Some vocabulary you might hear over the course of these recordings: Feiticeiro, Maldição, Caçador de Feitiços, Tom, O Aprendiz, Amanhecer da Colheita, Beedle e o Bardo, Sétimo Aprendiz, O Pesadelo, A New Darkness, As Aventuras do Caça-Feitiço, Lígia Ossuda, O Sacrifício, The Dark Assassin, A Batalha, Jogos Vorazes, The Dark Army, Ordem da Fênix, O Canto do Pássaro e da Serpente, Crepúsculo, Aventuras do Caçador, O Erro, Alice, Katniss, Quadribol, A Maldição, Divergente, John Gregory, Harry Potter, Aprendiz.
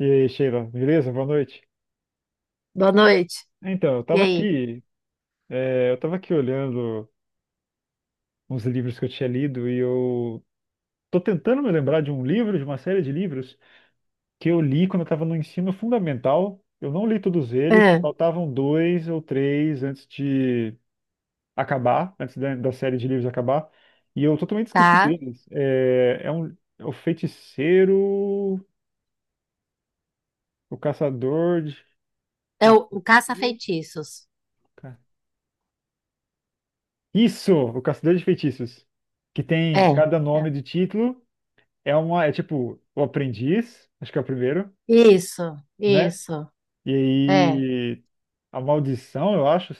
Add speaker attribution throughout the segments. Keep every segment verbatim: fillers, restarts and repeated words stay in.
Speaker 1: E aí, Sheila, beleza? Boa noite.
Speaker 2: Boa noite.
Speaker 1: Então, eu
Speaker 2: E
Speaker 1: tava
Speaker 2: aí?
Speaker 1: aqui, é, eu tava aqui olhando uns livros que eu tinha lido e eu tô tentando me lembrar de um livro, de uma série de livros que eu li quando eu tava no ensino fundamental. Eu não li todos eles,
Speaker 2: É,
Speaker 1: faltavam dois ou três antes de acabar, antes da, da série de livros acabar, e eu totalmente esqueci
Speaker 2: Tá?
Speaker 1: deles. É, é um, é o Feiticeiro, o Caçador de
Speaker 2: É o, o
Speaker 1: Feitiçeiros.
Speaker 2: caça-feitiços.
Speaker 1: Isso, o Caçador de Feitiços. Que tem
Speaker 2: É.
Speaker 1: cada
Speaker 2: É.
Speaker 1: nome do título. É uma, é tipo, o Aprendiz, acho que é o primeiro,
Speaker 2: Isso,
Speaker 1: né?
Speaker 2: isso.
Speaker 1: E
Speaker 2: É,
Speaker 1: aí, a Maldição, eu acho.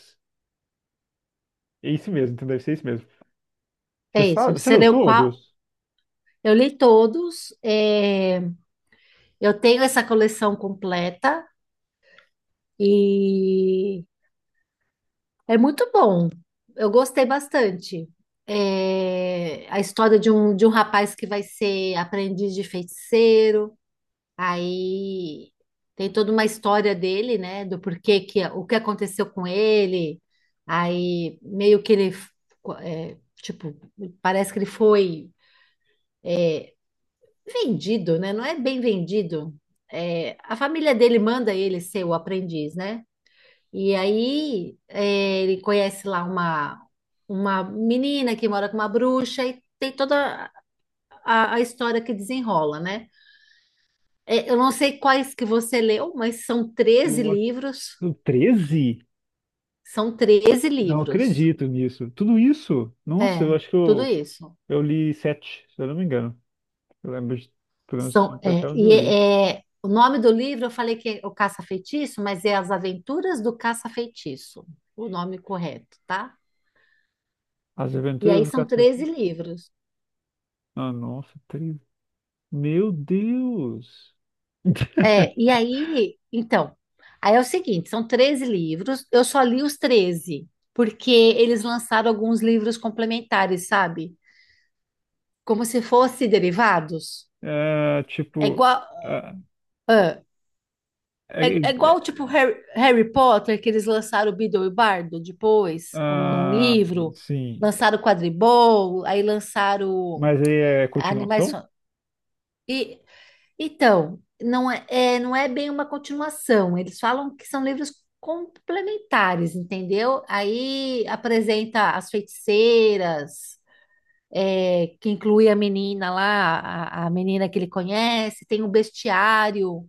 Speaker 1: É isso mesmo, então deve ser isso mesmo. Você
Speaker 2: é isso.
Speaker 1: sabe, você
Speaker 2: Você
Speaker 1: leu
Speaker 2: leu qual?
Speaker 1: todos?
Speaker 2: Eu li todos. É, eu tenho essa coleção completa e é muito bom. Eu gostei bastante. É, a história de um, de um rapaz que vai ser aprendiz de feiticeiro. Aí tem toda uma história dele, né? Do porquê que o que aconteceu com ele. Aí meio que ele é, tipo, parece que ele foi vendido, né? Não é bem vendido. É, a família dele manda ele ser o aprendiz, né? E aí é, ele conhece lá uma, uma menina que mora com uma bruxa e tem toda a, a história que desenrola, né? É, Eu não sei quais que você leu, mas são treze
Speaker 1: Eu, a-
Speaker 2: livros.
Speaker 1: o treze?
Speaker 2: São treze
Speaker 1: Não
Speaker 2: livros.
Speaker 1: acredito nisso. Tudo isso? Nossa, eu
Speaker 2: É,
Speaker 1: acho que
Speaker 2: tudo
Speaker 1: eu,
Speaker 2: isso.
Speaker 1: eu li sete, se eu não me engano. Eu lembro de, pelo menos
Speaker 2: São,
Speaker 1: até
Speaker 2: é,
Speaker 1: onde
Speaker 2: e
Speaker 1: eu li.
Speaker 2: é, é, O nome do livro, eu falei que é o Caça-Feitiço, mas é As Aventuras do Caça-Feitiço, o nome correto, tá?
Speaker 1: As
Speaker 2: E
Speaker 1: Aventuras
Speaker 2: aí
Speaker 1: do
Speaker 2: são
Speaker 1: Caçador.
Speaker 2: treze livros.
Speaker 1: Ah, nossa, treze. Meu Deus!
Speaker 2: É, e aí, então, aí é o seguinte, são treze livros, eu só li os treze porque eles lançaram alguns livros complementares, sabe? Como se fossem derivados.
Speaker 1: É,
Speaker 2: É
Speaker 1: tipo,
Speaker 2: igual.
Speaker 1: ah, é, é,
Speaker 2: É, é igual,
Speaker 1: é,
Speaker 2: tipo, Harry, Harry Potter, que eles lançaram o Beedle e o Bardo depois, como um
Speaker 1: ah,
Speaker 2: livro.
Speaker 1: sim,
Speaker 2: Lançaram o Quadribol, aí lançaram
Speaker 1: mas aí é
Speaker 2: Animais...
Speaker 1: continuação?
Speaker 2: Fan- E, então, não é, é- não é bem uma continuação. Eles falam que são livros complementares, entendeu? Aí apresenta as feiticeiras, é, que inclui a menina lá, a, a menina que ele conhece, tem o bestiário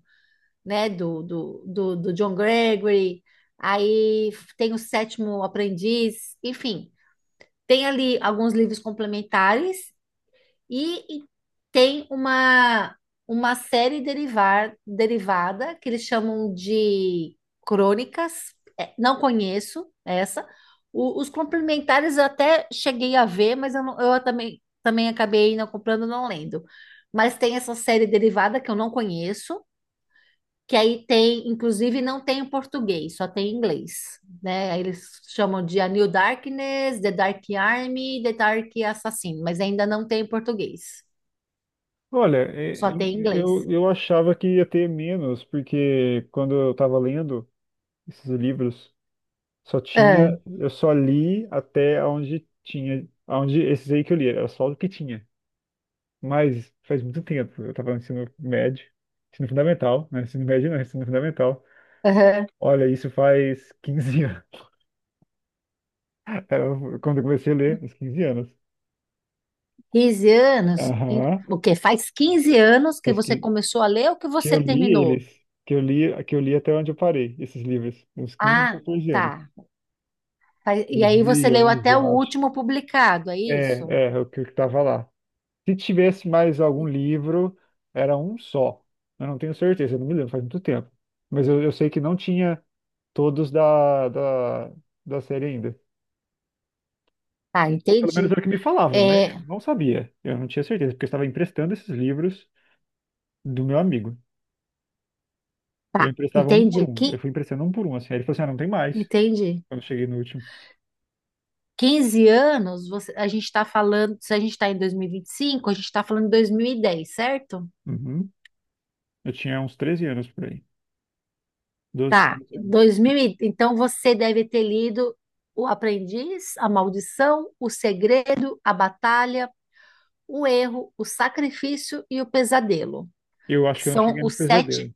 Speaker 2: né, do, do, do, do John Gregory, aí tem o Sétimo Aprendiz, enfim, tem ali alguns livros complementares e, e tem uma, uma série derivar, derivada que eles chamam de crônicas. É, não conheço essa. O- os complementares eu até cheguei a ver, mas eu, não- eu também, também acabei não comprando, não lendo. Mas tem essa série derivada que eu não conheço, que aí tem, inclusive, não tem em português, só tem em inglês, né? Aí eles chamam de A New Darkness, The Dark Army, The Dark Assassin, mas ainda não tem em português,
Speaker 1: Olha, é,
Speaker 2: só
Speaker 1: é,
Speaker 2: tem em inglês.
Speaker 1: eu, eu achava que ia ter menos, porque quando eu estava lendo esses livros, só
Speaker 2: Ah,
Speaker 1: tinha, eu só li até onde tinha, onde esses aí que eu li, era só o que tinha. Mas faz muito tempo, eu estava no ensino médio, ensino fundamental, né? Ensino médio não, ensino fundamental.
Speaker 2: aham.
Speaker 1: Olha, isso faz quinze anos. Era quando eu comecei a ler, uns quinze anos.
Speaker 2: quinze anos, em-
Speaker 1: Aham,
Speaker 2: o quê? Faz quinze anos que
Speaker 1: mas
Speaker 2: você
Speaker 1: que,
Speaker 2: começou a ler ou que
Speaker 1: que eu
Speaker 2: você
Speaker 1: li
Speaker 2: terminou?
Speaker 1: eles, que eu li, que eu li até onde eu parei, esses livros, uns quinze,
Speaker 2: Ah,
Speaker 1: quatorze anos,
Speaker 2: tá. Faz- E
Speaker 1: dois
Speaker 2: aí
Speaker 1: mil
Speaker 2: você
Speaker 1: e
Speaker 2: leu
Speaker 1: onze,
Speaker 2: até o
Speaker 1: eu acho.
Speaker 2: último publicado, é
Speaker 1: É,
Speaker 2: isso?
Speaker 1: é, é o que estava lá. Se tivesse mais algum livro, era um só. Eu não tenho certeza, eu não me lembro, faz muito tempo. Mas eu, eu sei que não tinha todos da, da, da série ainda.
Speaker 2: Tá,
Speaker 1: Ou pelo menos
Speaker 2: entendi.
Speaker 1: era o que me falavam, né? Eu
Speaker 2: É,
Speaker 1: não sabia, eu não tinha certeza, porque eu estava emprestando esses livros do meu amigo. Eu
Speaker 2: tá,
Speaker 1: emprestava um por
Speaker 2: entendi.
Speaker 1: um, eu
Speaker 2: Que,
Speaker 1: fui emprestando um por um, assim. Aí ele falou assim, ah, não tem mais.
Speaker 2: entendi.
Speaker 1: Quando eu cheguei no último.
Speaker 2: Quinze anos, você- a gente está falando, se a gente está em dois mil e e vinte e cinco a gente está falando de dois mil e dez, certo?
Speaker 1: Uhum. Eu tinha uns treze anos por aí. Doze.
Speaker 2: Tá,
Speaker 1: treze anos.
Speaker 2: dois mil, e- então você deve ter lido O Aprendiz, A Maldição, O Segredo, A Batalha, O Erro, O Sacrifício e O Pesadelo,
Speaker 1: Eu
Speaker 2: que
Speaker 1: acho que eu não
Speaker 2: são
Speaker 1: cheguei no
Speaker 2: os sete.
Speaker 1: pesadelo,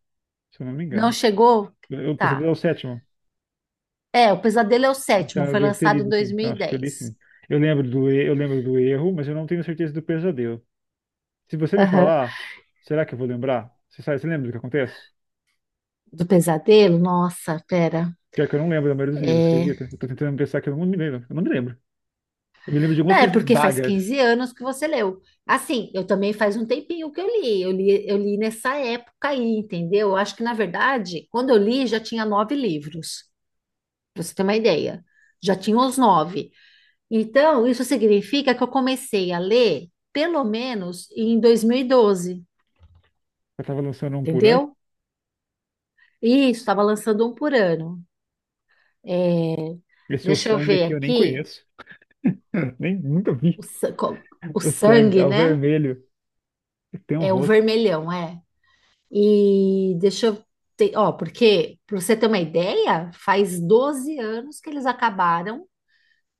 Speaker 1: se eu não me
Speaker 2: Não
Speaker 1: engano.
Speaker 2: chegou?
Speaker 1: Eu- O pesadelo
Speaker 2: Tá.
Speaker 1: é o sétimo.
Speaker 2: É, O Pesadelo é o
Speaker 1: Então
Speaker 2: sétimo,
Speaker 1: eu
Speaker 2: foi
Speaker 1: devo ter
Speaker 2: lançado em
Speaker 1: lido, sim. Então acho que eu li,
Speaker 2: dois mil e dez.
Speaker 1: sim. Eu lembro do, e- eu lembro do erro, mas eu não tenho certeza do pesadelo. Se você me
Speaker 2: Aham.
Speaker 1: falar, será que eu vou lembrar? Você sabe, você lembra do que acontece?
Speaker 2: Do Pesadelo? Nossa, pera.
Speaker 1: Pior que eu não lembro da maioria dos livros, acredita? Eu tô tentando pensar que eu não me lembro. Eu não me lembro. Eu me lembro de algumas
Speaker 2: É,
Speaker 1: coisas
Speaker 2: porque faz
Speaker 1: vagas.
Speaker 2: quinze anos que você leu. Assim, eu também faz um tempinho que eu li. Eu li, eu li nessa época aí, entendeu? Eu acho que, na verdade, quando eu li, já tinha nove livros, pra você ter uma ideia. Já tinha os nove. Então, isso significa que eu comecei a ler, pelo menos, em dois mil e doze,
Speaker 1: Eu tava lançando um por ano.
Speaker 2: entendeu? E isso, estava lançando um por ano. É,
Speaker 1: Esse é o
Speaker 2: Deixa eu
Speaker 1: sangue
Speaker 2: ver
Speaker 1: aqui eu nem
Speaker 2: aqui.
Speaker 1: conheço. Nem nunca vi.
Speaker 2: O, sa- co- o
Speaker 1: O sangue, é
Speaker 2: sangue,
Speaker 1: o
Speaker 2: né?
Speaker 1: vermelho. Tem um
Speaker 2: É um
Speaker 1: rosto.
Speaker 2: vermelhão, é. E deixa eu ter, ó, porque, para você ter uma ideia, faz doze anos que eles acabaram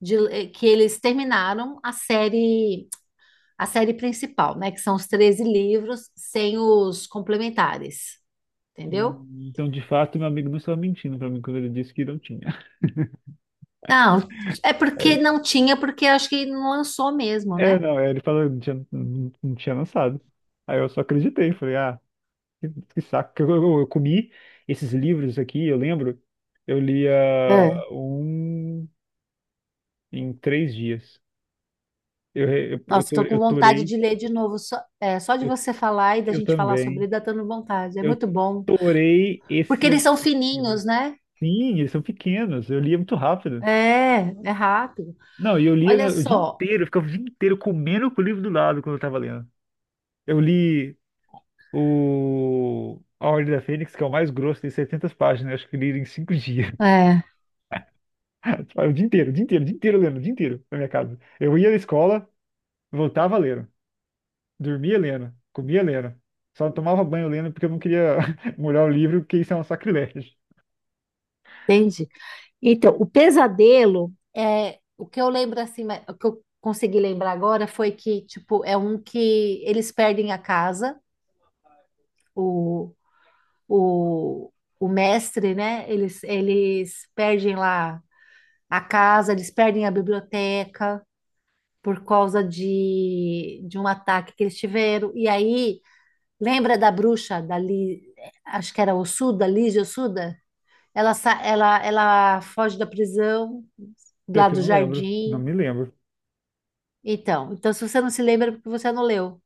Speaker 2: de, eh, que eles terminaram a série, a série, principal, né? Que são os treze livros sem os complementares, entendeu?
Speaker 1: Hum, Então, de fato, meu amigo não estava mentindo pra mim quando ele disse que não tinha.
Speaker 2: Não, é
Speaker 1: Aí
Speaker 2: porque
Speaker 1: eu,
Speaker 2: não tinha, porque acho que não lançou mesmo,
Speaker 1: é,
Speaker 2: né?
Speaker 1: não, é, ele falou que não tinha, não- não tinha lançado. Aí eu só acreditei, falei, ah, que, que saco. Eu, eu- eu comi esses livros aqui, eu lembro, eu lia
Speaker 2: É.
Speaker 1: um em três dias. Eu, re- eu, eu,
Speaker 2: Nossa,
Speaker 1: to-
Speaker 2: tô com
Speaker 1: eu
Speaker 2: vontade
Speaker 1: torei.
Speaker 2: de ler de novo, só, é, só de
Speaker 1: eu,
Speaker 2: você falar e da
Speaker 1: eu
Speaker 2: gente falar sobre
Speaker 1: também,
Speaker 2: ele, dá dando vontade. É
Speaker 1: eu
Speaker 2: muito bom,
Speaker 1: torei
Speaker 2: porque eles
Speaker 1: esse,
Speaker 2: são
Speaker 1: esse livro.
Speaker 2: fininhos, né?
Speaker 1: Sim, eles são pequenos, eu lia muito rápido.
Speaker 2: É, é rápido.
Speaker 1: Não, e eu lia, né,
Speaker 2: Olha
Speaker 1: o dia
Speaker 2: só.
Speaker 1: inteiro, eu ficava o dia inteiro comendo com o livro do lado quando eu tava lendo. Eu li o A Ordem da Fênix, que é o mais grosso, tem setecentas páginas, acho que li em cinco dias.
Speaker 2: É.
Speaker 1: O dia inteiro, o dia inteiro, o dia inteiro lendo, o dia inteiro na minha casa. Eu ia na escola, voltava lendo, dormia lendo, comia lendo. Só não tomava banho lendo porque eu não queria molhar o livro, porque isso é um sacrilégio.
Speaker 2: Entende? Então, o pesadelo é o que eu lembro assim, mas- o que eu consegui lembrar agora foi que, tipo, é um que eles perdem a casa, o, o, o mestre, né? Eles, eles perdem lá a casa, eles perdem a biblioteca por causa de, de um ataque que eles tiveram. E aí, lembra da bruxa, da Li, acho que era Ossuda, Lígia Ossuda? Ela, sa- ela, ela foge da prisão,
Speaker 1: Pior
Speaker 2: lá
Speaker 1: que eu
Speaker 2: do
Speaker 1: não lembro, não
Speaker 2: jardim.
Speaker 1: me lembro,
Speaker 2: Então, então, se você não se lembra, é porque você não leu.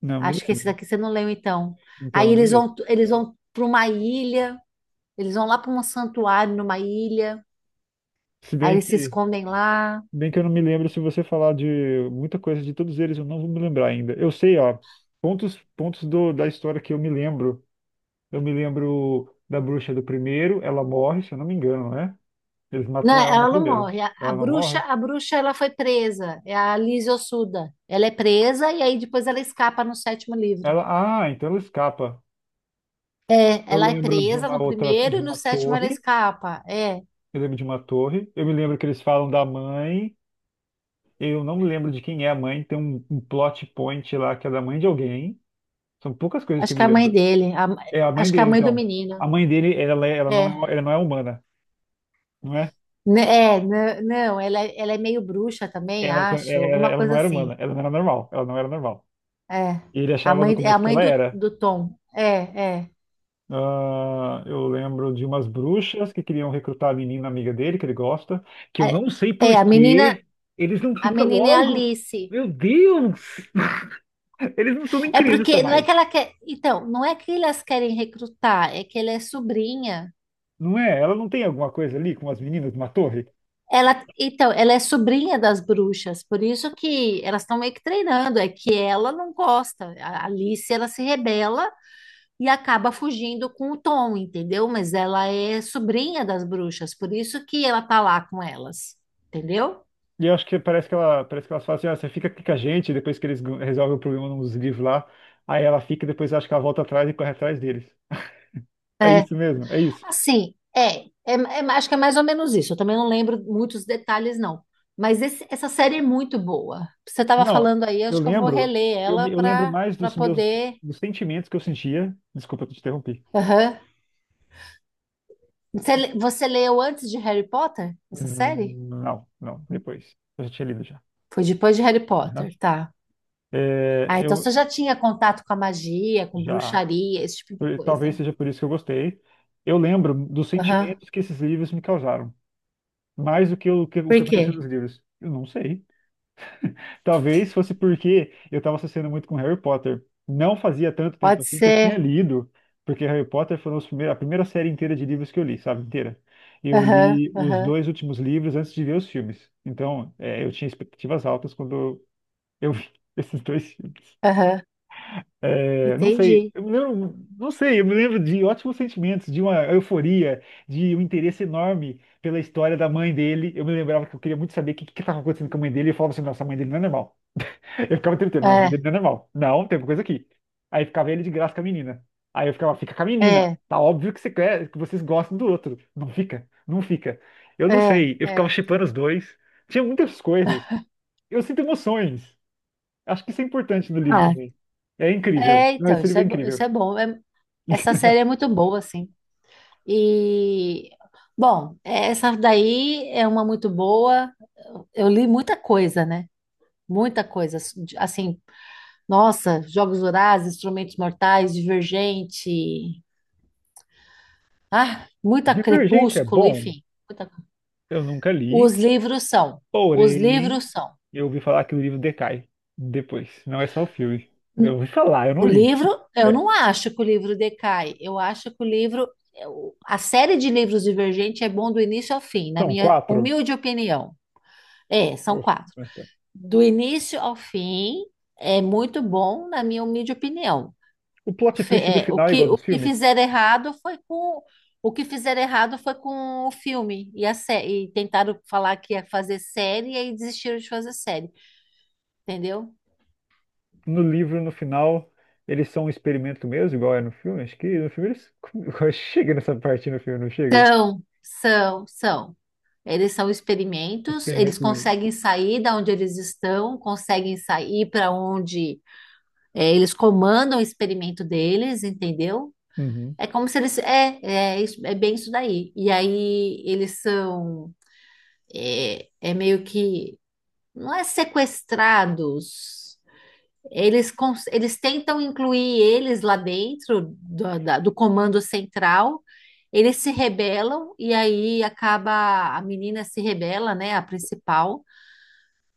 Speaker 1: não me
Speaker 2: Acho que esse
Speaker 1: lembro.
Speaker 2: daqui você não leu, então. Aí
Speaker 1: Então, não
Speaker 2: eles
Speaker 1: li.
Speaker 2: vão, eles vão para uma ilha, eles vão lá para um santuário numa ilha,
Speaker 1: Se
Speaker 2: aí
Speaker 1: bem
Speaker 2: eles se
Speaker 1: que
Speaker 2: escondem lá.
Speaker 1: Bem que eu não me lembro, se você falar de muita coisa de todos eles, eu não vou me lembrar ainda. Eu sei, ó, pontos, pontos do, da história que eu me lembro. Eu me lembro da bruxa do primeiro, ela morre, se eu não me engano, né? Eles
Speaker 2: Não,
Speaker 1: matam ela no
Speaker 2: ela não
Speaker 1: primeiro.
Speaker 2: morre. A, a
Speaker 1: Ela não
Speaker 2: bruxa,
Speaker 1: morre?
Speaker 2: a bruxa, ela foi presa. É a Liz Ossuda. Ela é presa e aí depois ela escapa no sétimo livro.
Speaker 1: Ela, ah, então ela escapa.
Speaker 2: É,
Speaker 1: Eu
Speaker 2: ela é
Speaker 1: lembro de
Speaker 2: presa no
Speaker 1: uma outra,
Speaker 2: primeiro
Speaker 1: de
Speaker 2: e no
Speaker 1: uma
Speaker 2: sétimo ela
Speaker 1: torre.
Speaker 2: escapa. É,
Speaker 1: Eu lembro de uma torre. Eu me lembro que eles falam da mãe. Eu não me lembro de quem é a mãe. Tem um, um plot point lá que é da mãe de alguém. São poucas coisas que
Speaker 2: Acho
Speaker 1: eu
Speaker 2: que
Speaker 1: me
Speaker 2: é a mãe
Speaker 1: lembro.
Speaker 2: dele. A-
Speaker 1: É a mãe
Speaker 2: acho que é a
Speaker 1: dele,
Speaker 2: mãe do
Speaker 1: então.
Speaker 2: menino.
Speaker 1: A mãe dele, ela, é- ela não é,
Speaker 2: É.
Speaker 1: ela não é humana, não é?
Speaker 2: N- É, n- não, ela, é- ela é meio bruxa também,
Speaker 1: Ela,
Speaker 2: acho.
Speaker 1: ela,
Speaker 2: Alguma
Speaker 1: ela não
Speaker 2: coisa
Speaker 1: era humana,
Speaker 2: assim.
Speaker 1: ela não era normal, ela não era normal.
Speaker 2: É.
Speaker 1: E ele
Speaker 2: A
Speaker 1: achava no
Speaker 2: mãe, é a
Speaker 1: começo que
Speaker 2: mãe
Speaker 1: ela
Speaker 2: do,
Speaker 1: era.
Speaker 2: do Tom. É, é.
Speaker 1: Ah, eu lembro de umas bruxas que queriam recrutar a menina amiga dele, que ele gosta, que eu
Speaker 2: É,
Speaker 1: não sei
Speaker 2: é,
Speaker 1: por
Speaker 2: a menina,
Speaker 1: que eles não
Speaker 2: a
Speaker 1: ficam
Speaker 2: menina é
Speaker 1: logo.
Speaker 2: Alice.
Speaker 1: Meu Deus! Eles não são nem
Speaker 2: É
Speaker 1: criança
Speaker 2: porque não é
Speaker 1: mais.
Speaker 2: que ela quer. Então, não é que elas querem recrutar, é que ela é sobrinha.
Speaker 1: Não é? Ela não tem alguma coisa ali com as meninas de uma torre?
Speaker 2: Ela, então, ela é sobrinha das bruxas, por isso que elas estão meio que treinando, é que ela não gosta. A Alice, ela se rebela e acaba fugindo com o Tom, entendeu? Mas ela é sobrinha das bruxas, por isso que ela tá lá com elas, entendeu?
Speaker 1: E eu acho que parece que ela, parece que elas falam assim, ah, você fica aqui com a gente, depois que eles gan- resolvem o problema nos livros lá, aí ela fica e depois acho que ela volta atrás e corre atrás deles. É
Speaker 2: É,
Speaker 1: isso mesmo, é isso.
Speaker 2: assim, é, é, é, acho que é mais ou menos isso. Eu também não lembro muitos detalhes, não. Mas esse- essa série é muito boa. Você estava
Speaker 1: Não,
Speaker 2: falando aí,
Speaker 1: eu
Speaker 2: acho que eu vou
Speaker 1: lembro,
Speaker 2: reler
Speaker 1: eu,
Speaker 2: ela
Speaker 1: me- eu lembro
Speaker 2: para
Speaker 1: mais
Speaker 2: para
Speaker 1: dos meus,
Speaker 2: poder.
Speaker 1: dos sentimentos que eu sentia. Desculpa, eu te interrompi.
Speaker 2: Aham. Você, le- você leu antes de Harry Potter essa série?
Speaker 1: Hum. Não, não, depois. Eu já tinha lido já.
Speaker 2: Foi depois de Harry
Speaker 1: Aham.
Speaker 2: Potter, tá.
Speaker 1: É,
Speaker 2: Ah, então
Speaker 1: eu
Speaker 2: você já tinha contato com a magia, com
Speaker 1: já,
Speaker 2: bruxaria, esse tipo de
Speaker 1: por- talvez
Speaker 2: coisa.
Speaker 1: seja por isso que eu gostei. Eu lembro dos
Speaker 2: Aham.
Speaker 1: sentimentos que esses livros me causaram, mais do que, o que, o
Speaker 2: Por
Speaker 1: que aconteceu
Speaker 2: quê?
Speaker 1: nos livros. Eu não sei. Talvez fosse porque eu estava associando muito com Harry Potter. Não fazia tanto tempo
Speaker 2: Pode
Speaker 1: assim que eu tinha
Speaker 2: ser.
Speaker 1: lido, porque Harry Potter foram os primeiros, a primeira série inteira de livros que eu li, sabe? Inteira. Eu
Speaker 2: Aham,
Speaker 1: li os
Speaker 2: aham,
Speaker 1: dois últimos livros antes de ver os filmes. Então, é, eu tinha expectativas altas quando eu vi esses dois filmes.
Speaker 2: aham.
Speaker 1: É, não sei,
Speaker 2: Entendi.
Speaker 1: eu me lembro, não sei, eu me lembro de ótimos sentimentos, de uma euforia, de um interesse enorme pela história da mãe dele. Eu me lembrava que eu queria muito saber o que que estava acontecendo com a mãe dele, e eu falava assim, nossa, a mãe dele não é normal. Eu ficava tentando, não, mas
Speaker 2: É,
Speaker 1: ele não é normal. Não, tem alguma coisa aqui. Aí ficava ele de graça com a menina. Aí eu ficava, fica com a menina.
Speaker 2: é,
Speaker 1: Tá óbvio que você quer, que vocês gostam do outro. Não fica, não fica. Eu não
Speaker 2: é,
Speaker 1: sei, eu ficava
Speaker 2: é.
Speaker 1: shippando os dois. Tinha muitas coisas. Eu sinto emoções. Acho que isso é importante no livro
Speaker 2: Ah,
Speaker 1: também. É incrível.
Speaker 2: é,
Speaker 1: Não,
Speaker 2: então,
Speaker 1: esse
Speaker 2: isso
Speaker 1: livro é
Speaker 2: é, bo- isso
Speaker 1: incrível.
Speaker 2: é bom. É- essa série é muito boa, assim. E, bom, essa daí é uma muito boa. Eu li muita coisa, né? Muita coisa. Assim, nossa, Jogos Vorazes, Instrumentos Mortais, Divergente. Ah, muita
Speaker 1: Divergente é
Speaker 2: Crepúsculo,
Speaker 1: bom.
Speaker 2: enfim. muita-
Speaker 1: Eu nunca li,
Speaker 2: Os livros são. Os
Speaker 1: porém,
Speaker 2: livros são.
Speaker 1: eu ouvi falar que o livro decai depois. Não é só o filme. Eu ouvi falar, eu não
Speaker 2: O
Speaker 1: li.
Speaker 2: livro, eu
Speaker 1: É.
Speaker 2: não acho que o livro decai. Eu acho que o livro, eu- a série de livros Divergente é bom do início ao fim, na
Speaker 1: São
Speaker 2: minha
Speaker 1: quatro.
Speaker 2: humilde opinião. É, são quatro.
Speaker 1: Nossa.
Speaker 2: Do início ao fim é muito bom, na minha humilde opinião.
Speaker 1: O plot
Speaker 2: Fe-
Speaker 1: twist do
Speaker 2: é, o
Speaker 1: final é
Speaker 2: que,
Speaker 1: igual
Speaker 2: o
Speaker 1: dos
Speaker 2: que
Speaker 1: filmes.
Speaker 2: fizeram errado foi com o que fizeram errado foi com o filme e a série, e tentaram falar que ia fazer série e aí desistiram de fazer série, entendeu?
Speaker 1: No livro, no final, eles são um experimento mesmo, igual é no filme. Acho que no filme eles. Chega nessa parte no filme, não chega?
Speaker 2: São, são, são. Eles são experimentos, eles
Speaker 1: Experimento. do-
Speaker 2: conseguem sair da onde eles estão, conseguem sair para onde é, eles comandam o experimento deles, entendeu?
Speaker 1: Uhum.
Speaker 2: É como se eles. É, é, isso- é bem isso daí. E aí eles são. É, é meio que. Não é sequestrados. Eles, cons- eles tentam incluir eles lá dentro do, da- do comando central. Eles se rebelam e aí acaba. A menina se rebela, né? A principal,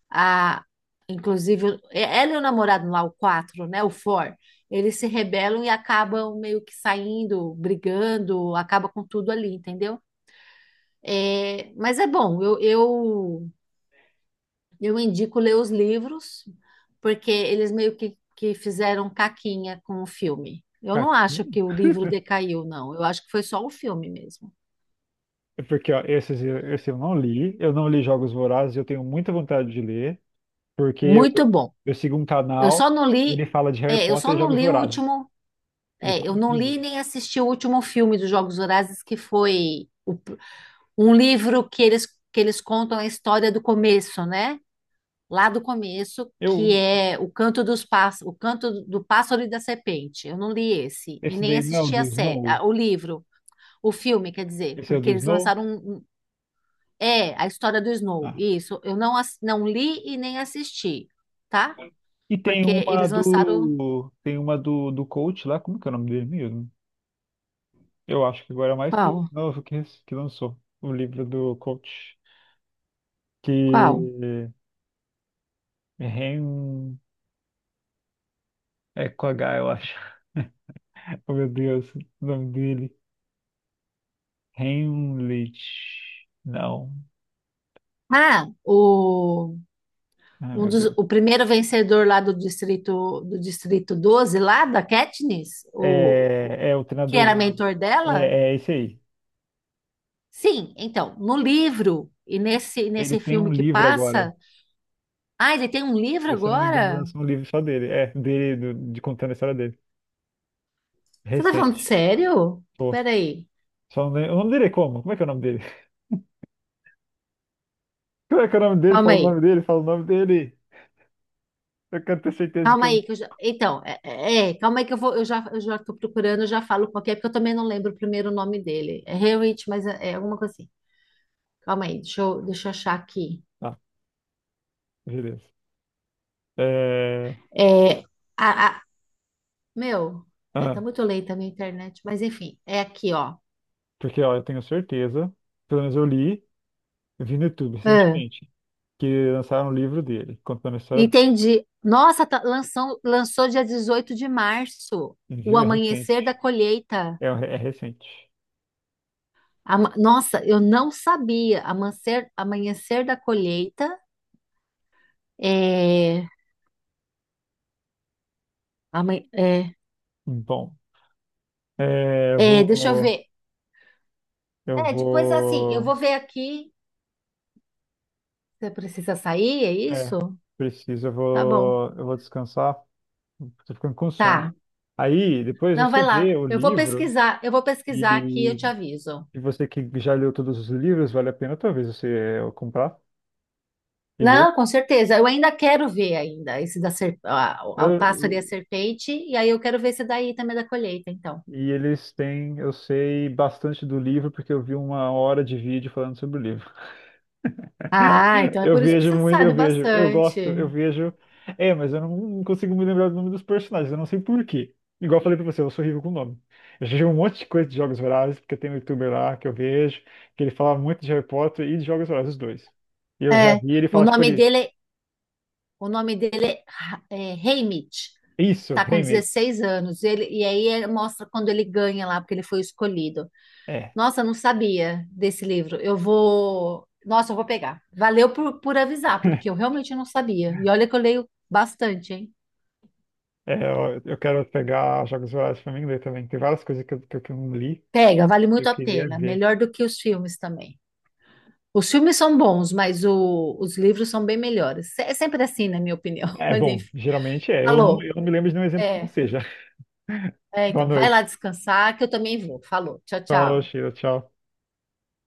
Speaker 2: a, inclusive, ela e o namorado lá, o quatro né, o four eles se rebelam e acabam meio que saindo, brigando, acaba com tudo ali, entendeu? É, mas é bom, eu, eu, eu indico ler os livros, porque eles meio que, que fizeram caquinha com o filme. Eu não acho
Speaker 1: Caquinho?
Speaker 2: que o livro decaiu, não. Eu acho que foi só o filme mesmo.
Speaker 1: É porque, ó, esses, eu- esse eu não li. Eu não li Jogos Vorazes, eu tenho muita vontade de ler, porque eu,
Speaker 2: Muito bom.
Speaker 1: eu sigo um
Speaker 2: Eu só
Speaker 1: canal
Speaker 2: não
Speaker 1: e
Speaker 2: li,
Speaker 1: ele fala de Harry
Speaker 2: é, eu só
Speaker 1: Potter e
Speaker 2: não
Speaker 1: Jogos
Speaker 2: li o
Speaker 1: Vorazes.
Speaker 2: último.
Speaker 1: Ele
Speaker 2: É,
Speaker 1: fala
Speaker 2: eu
Speaker 1: muito
Speaker 2: não
Speaker 1: dos dois.
Speaker 2: li nem assisti o último filme dos Jogos Vorazes, que foi o um livro que eles, que eles contam a história do começo, né? Lá do começo,
Speaker 1: Eu,
Speaker 2: que é O Canto dos Pássaros, O Canto do Pássaro e da Serpente. Eu não li esse e
Speaker 1: esse
Speaker 2: nem
Speaker 1: daí não é o
Speaker 2: assisti
Speaker 1: do
Speaker 2: a série,
Speaker 1: Snow?
Speaker 2: a- o livro, o filme, quer dizer,
Speaker 1: Esse é o
Speaker 2: porque
Speaker 1: do
Speaker 2: eles
Speaker 1: Snow?
Speaker 2: lançaram um, um- é a história do Snow.
Speaker 1: Ah.
Speaker 2: Isso, eu não ass- não li e nem assisti, tá?
Speaker 1: E tem
Speaker 2: Porque
Speaker 1: uma
Speaker 2: eles lançaram
Speaker 1: do. Tem uma do, do coach lá, como que é o nome dele mesmo? Eu acho que agora é mais que
Speaker 2: qual?
Speaker 1: novo que, que, lançou o livro do coach.
Speaker 2: Qual?
Speaker 1: Que Ren. É com H, eu acho. Oh meu Deus, o nome dele. Heimlich. Não.
Speaker 2: Ah, o
Speaker 1: Ah,
Speaker 2: Um
Speaker 1: meu
Speaker 2: dos,
Speaker 1: Deus.
Speaker 2: o primeiro vencedor lá do distrito do distrito doze lá da Katniss, o, o-
Speaker 1: É, é o
Speaker 2: que
Speaker 1: treinador
Speaker 2: era
Speaker 1: dela.
Speaker 2: mentor dela?
Speaker 1: É, é esse aí.
Speaker 2: Sim, então, no livro e nesse
Speaker 1: Ele
Speaker 2: nesse
Speaker 1: tem
Speaker 2: filme
Speaker 1: um
Speaker 2: que
Speaker 1: livro agora.
Speaker 2: passa, ah, ele tem um livro
Speaker 1: Eu, se eu não me engano,
Speaker 2: agora?
Speaker 1: lançou um livro só dele. É, dele, do- de contando a história dele.
Speaker 2: Você tá falando
Speaker 1: Recente.
Speaker 2: sério?
Speaker 1: Pô,
Speaker 2: Peraí,
Speaker 1: só o nome, o nome dele é como? Como é que é o nome dele? Como é que é o nome dele?
Speaker 2: calma
Speaker 1: Fala o
Speaker 2: aí.
Speaker 1: nome dele, fala o nome dele. Eu quero ter certeza que
Speaker 2: Calma
Speaker 1: eu não.
Speaker 2: aí que eu já, então, é, é, é, calma aí que eu vou, eu já eu já tô procurando, eu já falo qual que é, porque eu também não lembro o primeiro nome dele. É Haywood, mas é, é alguma coisa assim. Calma aí, deixa eu, deixa eu achar aqui.
Speaker 1: Ah, beleza. É...
Speaker 2: É, a, Meu, é, tá
Speaker 1: Ah,
Speaker 2: muito lenta a minha internet, mas enfim, é aqui, ó.
Speaker 1: porque, ó, eu tenho certeza, pelo menos eu li, eu vi no YouTube
Speaker 2: É.
Speaker 1: recentemente, que lançaram um livro dele, contando a história dele.
Speaker 2: Entendi. Nossa, tá- lançou, lançou dia dezoito de março, o
Speaker 1: Viu? É recente.
Speaker 2: amanhecer da colheita.
Speaker 1: É, é recente.
Speaker 2: Ama- Nossa, eu não sabia. Amanhecer, amanhecer da colheita é, aman- é,
Speaker 1: Bom, é, eu
Speaker 2: é, Deixa eu
Speaker 1: vou.
Speaker 2: ver.
Speaker 1: Eu
Speaker 2: É, depois assim, eu
Speaker 1: vou.
Speaker 2: vou ver aqui. Você precisa sair, é
Speaker 1: É,
Speaker 2: isso?
Speaker 1: preciso, eu
Speaker 2: Tá bom.
Speaker 1: vou. Eu vou descansar. Tô ficando com sono.
Speaker 2: Tá.
Speaker 1: Aí, depois
Speaker 2: Não,
Speaker 1: você
Speaker 2: vai lá.
Speaker 1: vê o
Speaker 2: Eu vou
Speaker 1: livro.
Speaker 2: pesquisar, eu vou pesquisar aqui, e
Speaker 1: E,
Speaker 2: eu te aviso.
Speaker 1: e você que já leu todos os livros, vale a pena talvez você eh, comprar e ler.
Speaker 2: Não, com certeza. Eu ainda quero ver ainda esse da ser... a- a- o
Speaker 1: Eu-
Speaker 2: pássaro e a serpente, e aí eu quero ver esse daí também da colheita, então.
Speaker 1: e eles têm, eu sei bastante do livro porque eu vi uma hora de vídeo falando sobre o livro.
Speaker 2: Ah, então é
Speaker 1: Eu
Speaker 2: por isso que
Speaker 1: vejo
Speaker 2: você
Speaker 1: muito, eu
Speaker 2: sabe
Speaker 1: vejo, eu gosto,
Speaker 2: bastante.
Speaker 1: eu vejo. É, mas eu não consigo me lembrar do nome dos personagens, eu não sei por quê. Igual eu falei pra você, eu sou horrível com nome. Eu já vi um monte de coisa de Jogos Vorazes, porque tem um youtuber lá que eu vejo, que ele fala muito de Harry Potter e de Jogos Vorazes, os dois. E eu
Speaker 2: É,
Speaker 1: já vi ele
Speaker 2: o
Speaker 1: falar, tipo,
Speaker 2: nome
Speaker 1: ele,
Speaker 2: dele, o nome dele é, Ha- é Haymitch.
Speaker 1: isso,
Speaker 2: Tá com
Speaker 1: Handmaid.
Speaker 2: dezesseis anos. Ele, e aí ele mostra quando ele ganha lá, porque ele foi escolhido.
Speaker 1: É,
Speaker 2: Nossa, eu não sabia desse livro. Eu vou, nossa, eu vou pegar. Valeu por, por avisar, porque eu realmente não sabia. E olha que eu leio bastante, hein?
Speaker 1: é, eu, eu quero pegar Jogos Vorazes pra mim ler também. Tem várias coisas que eu, que eu que eu não li,
Speaker 2: Pega, vale
Speaker 1: que
Speaker 2: muito
Speaker 1: eu
Speaker 2: a
Speaker 1: queria
Speaker 2: pena.
Speaker 1: ver.
Speaker 2: Melhor do que os filmes também. Os filmes são bons, mas o- os livros são bem melhores. É sempre assim, na minha opinião.
Speaker 1: É
Speaker 2: Mas
Speaker 1: bom,
Speaker 2: enfim,
Speaker 1: geralmente é. Eu não,
Speaker 2: falou.
Speaker 1: eu não me lembro de nenhum exemplo que não
Speaker 2: É,
Speaker 1: seja.
Speaker 2: é,
Speaker 1: Boa
Speaker 2: então, vai lá
Speaker 1: noite.
Speaker 2: descansar que eu também vou. Falou. Tchau,
Speaker 1: Falou,
Speaker 2: tchau.
Speaker 1: Sheila. Tchau.